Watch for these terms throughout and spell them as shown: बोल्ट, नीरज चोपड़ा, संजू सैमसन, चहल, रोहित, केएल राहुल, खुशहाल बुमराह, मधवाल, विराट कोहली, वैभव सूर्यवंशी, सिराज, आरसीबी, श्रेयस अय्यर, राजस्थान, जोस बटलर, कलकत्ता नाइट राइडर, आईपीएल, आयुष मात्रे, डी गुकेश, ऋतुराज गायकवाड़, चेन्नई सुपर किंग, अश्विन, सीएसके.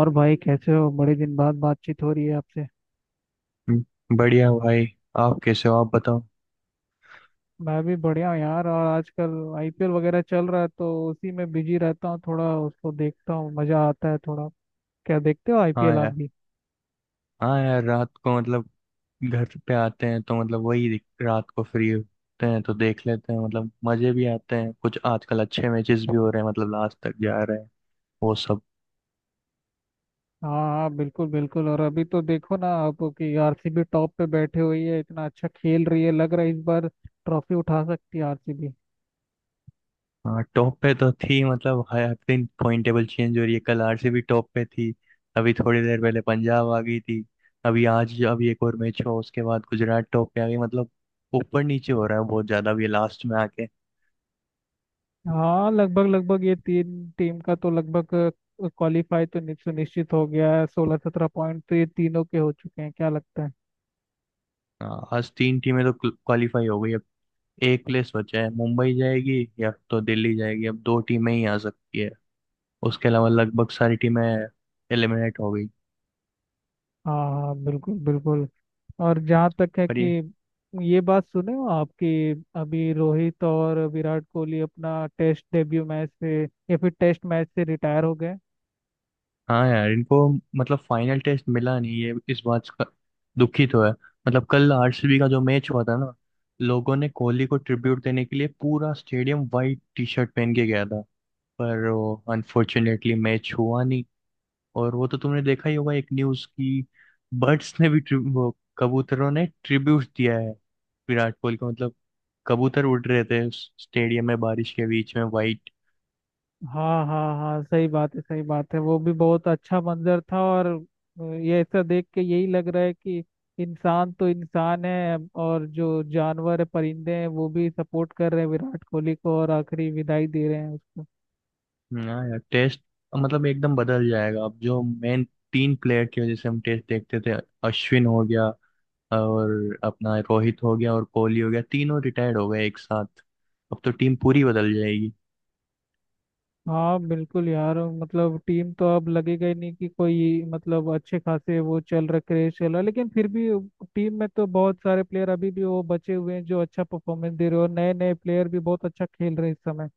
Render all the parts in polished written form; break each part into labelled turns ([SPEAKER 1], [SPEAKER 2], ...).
[SPEAKER 1] और भाई, कैसे हो? बड़े दिन बाद बातचीत हो रही है आपसे।
[SPEAKER 2] बढ़िया भाई। आप कैसे हो? आप बताओ।
[SPEAKER 1] मैं भी बढ़िया हूँ यार। और आजकल आईपीएल वगैरह चल रहा है तो उसी में बिजी रहता हूँ, थोड़ा उसको देखता हूँ, मजा आता है थोड़ा। क्या देखते हो
[SPEAKER 2] हाँ
[SPEAKER 1] आईपीएल आप
[SPEAKER 2] यार।
[SPEAKER 1] भी?
[SPEAKER 2] हाँ यार, रात को मतलब घर पे आते हैं तो मतलब वही रात को फ्री होते हैं तो देख लेते हैं, मतलब मजे भी आते हैं। कुछ आजकल अच्छे मैचेस भी हो रहे हैं, मतलब लास्ट तक जा रहे हैं वो सब।
[SPEAKER 1] हाँ। हाँ बिल्कुल, बिल्कुल। और अभी तो देखो ना आप कि आरसीबी टॉप पे बैठे हुई है, इतना अच्छा खेल रही है। लग रहा है इस बार ट्रॉफी उठा सकती है आरसीबी।
[SPEAKER 2] हाँ, टॉप पे तो थी। मतलब हर दिन पॉइंट टेबल चेंज हो रही है। कल आरसीबी टॉप पे थी, अभी थोड़ी देर पहले पंजाब आ गई थी। अभी आज अभी एक और मैच हुआ उसके बाद गुजरात टॉप पे आ गई। मतलब ऊपर नीचे हो रहा है बहुत ज्यादा अभी लास्ट में आके।
[SPEAKER 1] हाँ, लगभग लगभग ये तीन टीम का तो लगभग क्वालिफाई तो सुनिश्चित हो गया है। 16-17 पॉइंट तो ये तीनों के हो चुके हैं। क्या लगता है?
[SPEAKER 2] हाँ, आज तीन टीमें तो क्वालिफाई हो गई। अब एक प्लेस बचा है, मुंबई जाएगी या तो दिल्ली जाएगी। अब दो टीमें ही आ सकती है, उसके अलावा लगभग सारी टीमें एलिमिनेट हो गई।
[SPEAKER 1] हाँ, हाँ बिल्कुल बिल्कुल। और जहाँ तक है
[SPEAKER 2] पर
[SPEAKER 1] कि
[SPEAKER 2] ये,
[SPEAKER 1] ये बात सुने हो आपकी, अभी रोहित और विराट कोहली अपना टेस्ट डेब्यू मैच से या फिर टेस्ट मैच से रिटायर हो गए।
[SPEAKER 2] हाँ यार, इनको मतलब फाइनल टेस्ट मिला नहीं, ये इस बात का दुखी तो है। मतलब कल आरसीबी का जो मैच हुआ था ना, लोगों ने कोहली को ट्रिब्यूट देने के लिए पूरा स्टेडियम वाइट टी शर्ट पहन के गया था, पर वो अनफॉर्चुनेटली मैच हुआ नहीं। और वो तो तुमने देखा ही होगा एक न्यूज की, बर्ड्स ने भी ट्रि- वो कबूतरों ने ट्रिब्यूट दिया है विराट कोहली को। मतलब कबूतर उड़ रहे थे उस स्टेडियम में बारिश के बीच में वाइट।
[SPEAKER 1] हाँ हाँ हाँ, सही बात है सही बात है। वो भी बहुत अच्छा मंजर था। और ये ऐसा देख के यही लग रहा है कि इंसान तो इंसान है, और जो जानवर है, परिंदे हैं, वो भी सपोर्ट कर रहे हैं विराट कोहली को और आखिरी विदाई दे रहे हैं उसको।
[SPEAKER 2] ना यार, टेस्ट मतलब एकदम बदल जाएगा अब। जो मेन तीन प्लेयर की वजह से हम टेस्ट देखते थे, अश्विन हो गया और अपना रोहित हो गया और कोहली हो गया, तीनों रिटायर्ड हो गए एक साथ। अब तो टीम पूरी बदल जाएगी।
[SPEAKER 1] हाँ बिल्कुल यार, मतलब टीम तो अब लगेगा ही नहीं कि कोई। मतलब अच्छे खासे वो चल रहा, क्रेज चल रहा, लेकिन फिर भी टीम में तो बहुत सारे प्लेयर अभी भी वो बचे हुए हैं जो अच्छा परफॉर्मेंस दे रहे हो। नए नए प्लेयर भी बहुत अच्छा खेल रहे हैं इस समय।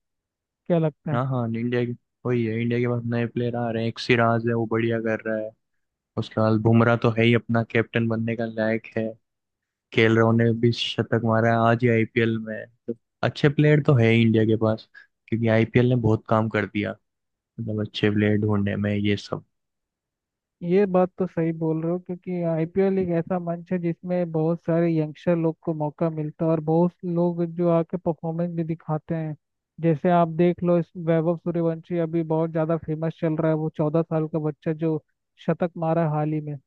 [SPEAKER 1] क्या लगता है?
[SPEAKER 2] हाँ हाँ, इंडिया की वही है। इंडिया के पास नए प्लेयर आ रहे हैं। एक सिराज है वो बढ़िया कर रहा है, खुशहाल बुमराह तो है ही अपना, कैप्टन बनने का लायक है। केएल राहुल ने भी शतक मारा है आज ही आईपीएल में तो। अच्छे प्लेयर तो है ही इंडिया के पास, क्योंकि आईपीएल ने बहुत काम कर दिया, मतलब अच्छे प्लेयर ढूंढने में ये सब।
[SPEAKER 1] ये बात तो सही बोल रहे हो, क्योंकि आईपीएल एक ऐसा मंच है जिसमें बहुत सारे यंगस्टर लोग को मौका मिलता है और बहुत लोग जो आके परफॉर्मेंस भी दिखाते हैं। जैसे आप देख लो इस वैभव सूर्यवंशी, अभी बहुत ज्यादा फेमस चल रहा है। वो 14 साल का बच्चा, जो शतक मारा हाल ही में।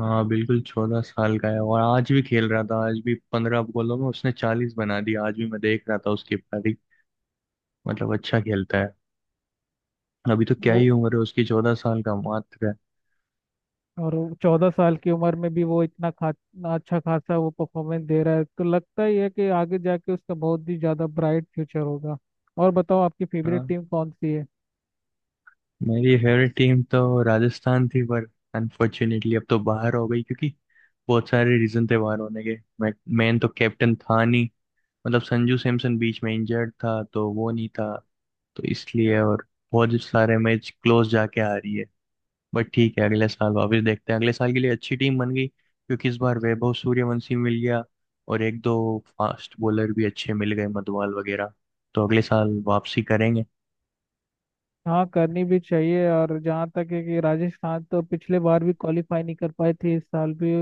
[SPEAKER 2] हाँ बिल्कुल, 14 साल का है और आज भी खेल रहा था। आज भी 15 बॉलों में उसने 40 बना दिया। आज भी मैं देख रहा था उसकी पारी, मतलब अच्छा खेलता है। अभी तो क्या
[SPEAKER 1] वो
[SPEAKER 2] ही उम्र है उसकी, 14 साल का मात्र है।
[SPEAKER 1] और 14 साल की उम्र में भी वो इतना खा, इतना अच्छा खासा वो परफॉर्मेंस दे रहा है, तो लगता ही है कि आगे जाके उसका बहुत ही ज्यादा ब्राइट फ्यूचर होगा। और बताओ, आपकी फेवरेट
[SPEAKER 2] हाँ,
[SPEAKER 1] टीम कौन सी है?
[SPEAKER 2] मेरी फेवरेट टीम तो राजस्थान थी पर अनफॉर्चुनेटली अब तो बाहर हो गई, क्योंकि बहुत सारे रीजन थे बाहर होने के। मैं, मेन तो कैप्टन था नहीं, मतलब संजू सैमसन बीच में इंजर्ड था तो वो नहीं था तो इसलिए। और बहुत सारे मैच क्लोज जाके आ रही है। बट ठीक है, अगले साल वापस देखते हैं। अगले साल के लिए अच्छी टीम बन गई, क्योंकि इस बार वैभव सूर्यवंशी मिल गया और एक दो फास्ट बॉलर भी अच्छे मिल गए मधवाल वगैरह। तो अगले साल वापसी करेंगे।
[SPEAKER 1] हाँ, करनी भी चाहिए। और जहाँ तक है कि राजस्थान तो पिछले बार भी क्वालिफाई नहीं कर पाई थी, इस साल भी।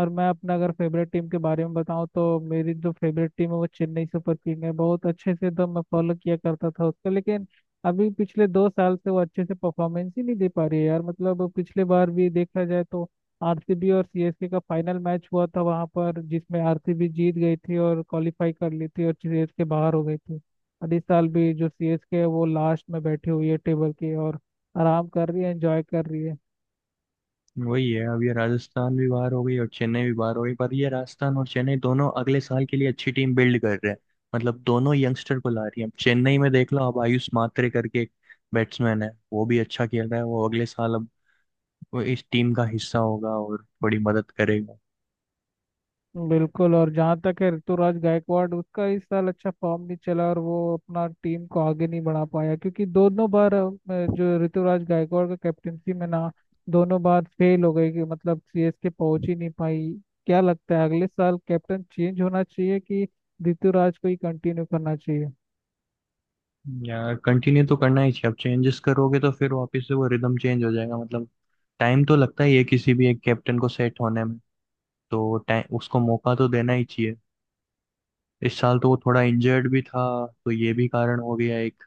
[SPEAKER 1] और मैं अपना अगर फेवरेट टीम के बारे में बताऊँ, तो मेरी जो फेवरेट टीम है वो चेन्नई सुपर किंग है। बहुत अच्छे से एकदम मैं फॉलो किया करता था उसको, लेकिन अभी पिछले 2 साल से वो अच्छे से परफॉर्मेंस ही नहीं दे पा रही है यार। मतलब पिछले बार भी देखा जाए तो आरसीबी और सीएसके का फाइनल मैच हुआ था वहाँ पर, जिसमें आरसीबी जीत गई थी और क्वालिफाई कर ली थी, और सीएसके बाहर हो गई थी। और इस साल भी जो सीएसके है, वो लास्ट में बैठी हुई है टेबल की, और आराम कर रही है, एंजॉय कर रही है।
[SPEAKER 2] वही है, अब ये राजस्थान भी बाहर हो गई और चेन्नई भी बाहर हो गई। पर ये राजस्थान और चेन्नई दोनों अगले साल के लिए अच्छी टीम बिल्ड कर रहे हैं। मतलब दोनों यंगस्टर को ला रही है। अब चेन्नई में देख लो, अब आयुष मात्रे करके एक बैट्समैन है वो भी अच्छा खेल रहा है। वो अगले साल अब वो इस टीम का हिस्सा होगा और बड़ी मदद करेगा।
[SPEAKER 1] बिल्कुल। और जहाँ तक है ऋतुराज गायकवाड़, उसका इस साल अच्छा फॉर्म नहीं चला और वो अपना टीम को आगे नहीं बढ़ा पाया, क्योंकि दोनों बार जो ऋतुराज गायकवाड़ का कैप्टनसी में ना, दोनों बार फेल हो गई कि मतलब सीएसके पहुंच ही नहीं पाई। क्या लगता है अगले साल कैप्टन चेंज होना चाहिए कि ऋतुराज को ही कंटिन्यू करना चाहिए?
[SPEAKER 2] यार कंटिन्यू तो करना ही चाहिए। अब चेंजेस करोगे तो फिर वापस से वो रिदम चेंज हो जाएगा। मतलब टाइम तो लगता ही है किसी भी एक कैप्टन को सेट होने में। तो टाइम उसको मौका तो देना ही चाहिए। इस साल तो वो थोड़ा इंजर्ड भी था, तो ये भी कारण हो गया एक।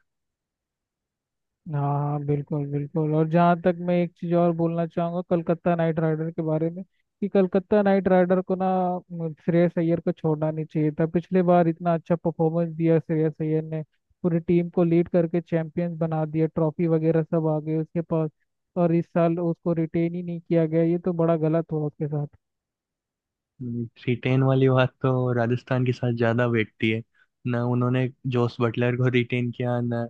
[SPEAKER 1] हाँ बिल्कुल बिल्कुल। और जहाँ तक, मैं एक चीज़ और बोलना चाहूँगा कलकत्ता नाइट राइडर के बारे में, कि कलकत्ता नाइट राइडर को ना श्रेयस अय्यर को छोड़ना नहीं चाहिए था। पिछले बार इतना अच्छा परफॉर्मेंस दिया श्रेयस अय्यर ने, पूरी टीम को लीड करके चैंपियंस बना दिया, ट्रॉफी वगैरह सब आ गए उसके पास। और इस साल उसको रिटेन ही नहीं किया गया, ये तो बड़ा गलत हुआ उसके साथ।
[SPEAKER 2] थ्री टेन वाली बात तो राजस्थान के साथ ज्यादा बैठती है ना। उन्होंने जोस बटलर को रिटेन किया ना,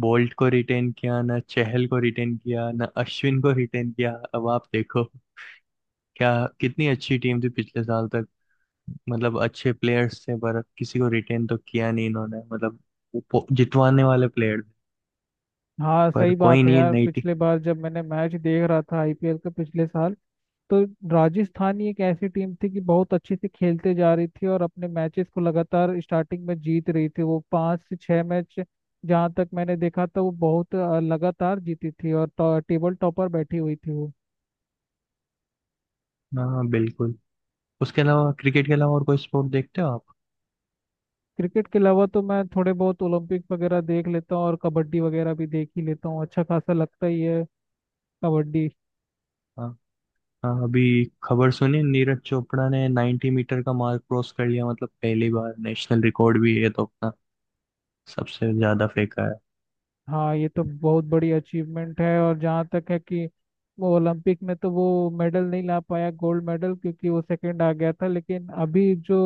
[SPEAKER 2] बोल्ट को रिटेन किया ना, चहल को रिटेन किया ना, अश्विन को रिटेन किया। अब आप देखो क्या, कितनी अच्छी टीम थी पिछले साल तक। मतलब अच्छे प्लेयर्स थे, पर किसी को रिटेन तो किया नहीं इन्होंने, मतलब वो जितवाने वाले प्लेयर थे।
[SPEAKER 1] हाँ
[SPEAKER 2] पर
[SPEAKER 1] सही
[SPEAKER 2] कोई
[SPEAKER 1] बात है
[SPEAKER 2] नहीं,
[SPEAKER 1] यार।
[SPEAKER 2] नई टीम।
[SPEAKER 1] पिछले बार जब मैंने मैच देख रहा था आईपीएल का, पिछले साल, तो राजस्थान ही एक ऐसी टीम थी कि बहुत अच्छे से खेलते जा रही थी और अपने मैचेस को लगातार स्टार्टिंग में जीत रही थी, वो पाँच से छह मैच जहाँ तक मैंने देखा था, वो बहुत लगातार जीती थी, और टेबल टॉपर बैठी हुई थी वो।
[SPEAKER 2] हाँ बिल्कुल। उसके अलावा क्रिकेट के अलावा और कोई स्पोर्ट देखते हो आप?
[SPEAKER 1] क्रिकेट के अलावा तो मैं थोड़े बहुत ओलंपिक वगैरह देख लेता हूँ, और कबड्डी वगैरह भी देख ही लेता हूँ। अच्छा खासा लगता ही है कबड्डी।
[SPEAKER 2] हाँ। हाँ अभी खबर सुनी, नीरज चोपड़ा ने 90 मीटर का मार्क क्रॉस कर लिया, मतलब पहली बार। नेशनल रिकॉर्ड भी है तो अपना, सबसे ज्यादा फेंका है।
[SPEAKER 1] हाँ, ये तो बहुत बड़ी अचीवमेंट है। और जहाँ तक है कि वो ओलंपिक में तो वो मेडल नहीं ला पाया, गोल्ड मेडल, क्योंकि वो सेकंड आ गया था। लेकिन अभी जो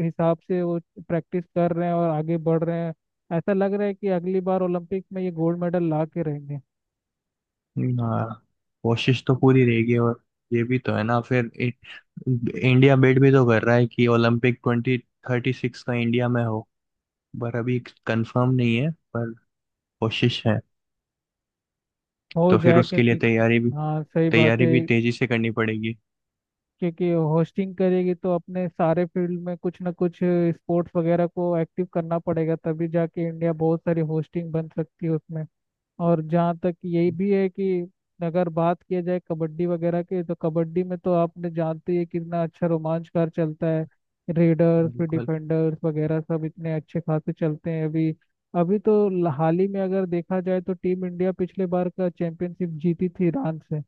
[SPEAKER 1] हिसाब से वो प्रैक्टिस कर रहे हैं और आगे बढ़ रहे हैं, ऐसा लग रहा है कि अगली बार ओलंपिक में ये गोल्ड मेडल ला के रहेंगे।
[SPEAKER 2] हाँ, कोशिश तो पूरी रहेगी। और ये भी तो है ना, फिर इंडिया बेट भी तो कर रहा है कि ओलंपिक 2036 का इंडिया में हो। पर अभी कंफर्म नहीं है, पर कोशिश है।
[SPEAKER 1] हो
[SPEAKER 2] तो फिर
[SPEAKER 1] जाए,
[SPEAKER 2] उसके लिए
[SPEAKER 1] क्योंकि
[SPEAKER 2] तैयारी भी
[SPEAKER 1] हाँ सही बात
[SPEAKER 2] तैयारी
[SPEAKER 1] है।
[SPEAKER 2] भी तेजी से करनी पड़ेगी।
[SPEAKER 1] क्योंकि होस्टिंग करेगी तो अपने सारे फील्ड में कुछ ना कुछ स्पोर्ट्स वगैरह को एक्टिव करना पड़ेगा, तभी जाके इंडिया बहुत सारी होस्टिंग बन सकती है उसमें। और जहाँ तक यही भी है कि अगर बात किया जाए कबड्डी वगैरह की, तो कबड्डी में तो आपने जानते ही हैं कितना अच्छा रोमांचकार चलता है। रेडर्स फिर
[SPEAKER 2] बिल्कुल।
[SPEAKER 1] डिफेंडर्स वगैरह सब इतने अच्छे खासे चलते हैं अभी। अभी तो हाल ही में अगर देखा जाए तो टीम इंडिया पिछले बार का चैंपियनशिप जीती थी ईरान से।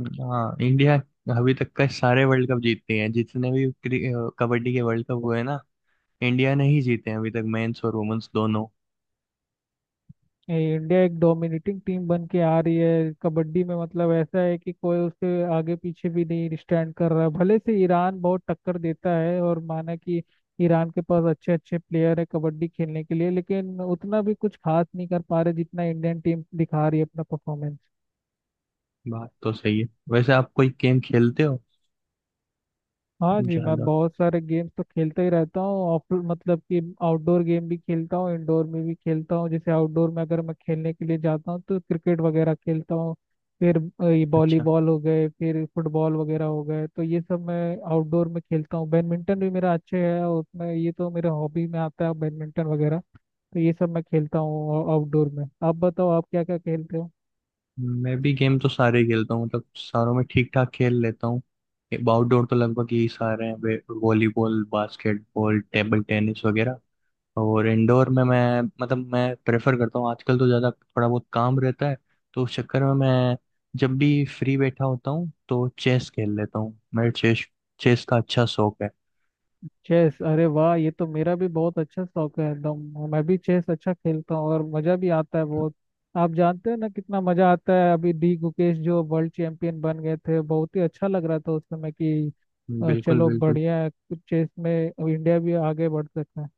[SPEAKER 2] हाँ इंडिया अभी तक का सारे वर्ल्ड कप जीतती है। जितने भी कबड्डी के वर्ल्ड कप हुए हैं ना, इंडिया ने ही जीते हैं अभी तक, मेंस और वुमेन्स दोनों।
[SPEAKER 1] ये इंडिया एक डोमिनेटिंग टीम बन के आ रही है कबड्डी में, मतलब ऐसा है कि कोई उसके आगे पीछे भी नहीं स्टैंड कर रहा। भले से ईरान बहुत टक्कर देता है, और माना कि ईरान के पास अच्छे अच्छे प्लेयर है कबड्डी खेलने के लिए, लेकिन उतना भी कुछ खास नहीं कर पा रहे जितना इंडियन टीम दिखा रही है अपना परफॉर्मेंस।
[SPEAKER 2] बात तो सही है। वैसे आप कोई गेम खेलते हो?
[SPEAKER 1] हाँ जी, मैं
[SPEAKER 2] ज्यादा
[SPEAKER 1] बहुत सारे गेम्स तो खेलता ही रहता हूँ। ऑफ मतलब कि आउटडोर गेम भी खेलता हूँ, इंडोर में भी खेलता हूँ। जैसे आउटडोर में अगर मैं खेलने के लिए जाता हूँ तो क्रिकेट वगैरह खेलता हूँ, फिर ये
[SPEAKER 2] अच्छा।
[SPEAKER 1] वॉलीबॉल हो गए, फिर फुटबॉल वगैरह हो गए। तो ये सब मैं आउटडोर में खेलता हूँ। बैडमिंटन भी मेरा अच्छा है, और उसमें ये तो मेरे हॉबी में आता है, बैडमिंटन वगैरह। तो ये सब मैं खेलता हूँ आउटडोर में। आप बताओ, आप क्या क्या खेलते हो?
[SPEAKER 2] मैं भी गेम तो सारे ही खेलता हूँ, मतलब सारों में ठीक ठाक खेल लेता हूँ। आउटडोर तो लगभग यही सारे हैं, वॉलीबॉल, बास्केटबॉल, टेबल टेनिस वगैरह। और इंडोर में मैं, मतलब मैं प्रेफर करता हूँ आजकल तो, ज़्यादा थोड़ा बहुत काम रहता है तो उस चक्कर में मैं जब भी फ्री बैठा होता हूँ तो चेस खेल लेता हूँ। मेरे चेस चेस का अच्छा शौक है।
[SPEAKER 1] चेस! अरे वाह, ये तो मेरा भी बहुत अच्छा शौक है एकदम। मैं भी चेस अच्छा खेलता हूँ, और मजा भी आता है बहुत। आप जानते हो ना कितना मजा आता है। अभी डी गुकेश जो वर्ल्ड चैंपियन बन गए थे, बहुत ही अच्छा लग रहा था उस समय कि
[SPEAKER 2] बिल्कुल
[SPEAKER 1] चलो
[SPEAKER 2] बिल्कुल।
[SPEAKER 1] बढ़िया है। चेस में इंडिया भी आगे बढ़ सकता है।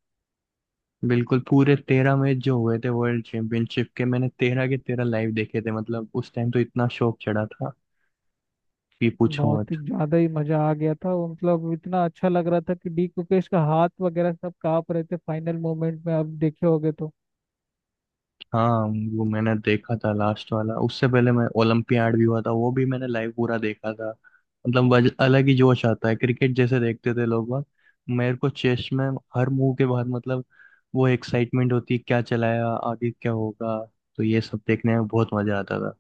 [SPEAKER 2] बिल्कुल, पूरे 13 मैच जो हुए थे वर्ल्ड चैंपियनशिप के, मैंने 13 के 13 लाइव देखे थे। मतलब उस टाइम तो इतना शौक चढ़ा था कि पूछो।
[SPEAKER 1] बहुत ही ज्यादा ही मजा आ गया था वो, मतलब इतना अच्छा लग रहा था कि डी कुकेश का हाथ वगैरह सब कांप रहे थे फाइनल मोमेंट में, आप देखे होगे तो।
[SPEAKER 2] हाँ, वो मैंने देखा था लास्ट वाला। उससे पहले मैं ओलंपियाड भी हुआ था, वो भी मैंने लाइव पूरा देखा था। मतलब अलग ही जोश आता है। क्रिकेट जैसे देखते थे लोग बाग, मेरे को चेस में हर मूव के बाद, मतलब वो एक्साइटमेंट होती है, क्या चलाया, आगे क्या होगा। तो ये सब देखने में बहुत मजा आता था।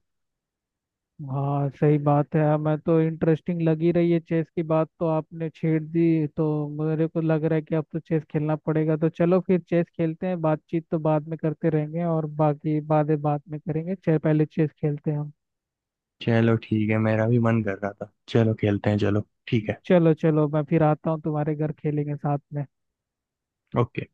[SPEAKER 1] हाँ सही बात है। मैं तो इंटरेस्टिंग लगी रही है चेस की बात, तो आपने छेड़ दी तो मेरे को लग रहा है कि अब तो चेस खेलना पड़ेगा। तो चलो फिर चेस खेलते हैं, बातचीत तो बाद में करते रहेंगे और बाकी बातें बाद में करेंगे। पहले चेस खेलते हैं हम।
[SPEAKER 2] चलो ठीक है, मेरा भी मन कर रहा था, चलो खेलते हैं। चलो ठीक है।
[SPEAKER 1] चलो चलो, मैं फिर आता हूँ तुम्हारे घर, खेलेंगे साथ में।
[SPEAKER 2] ओके।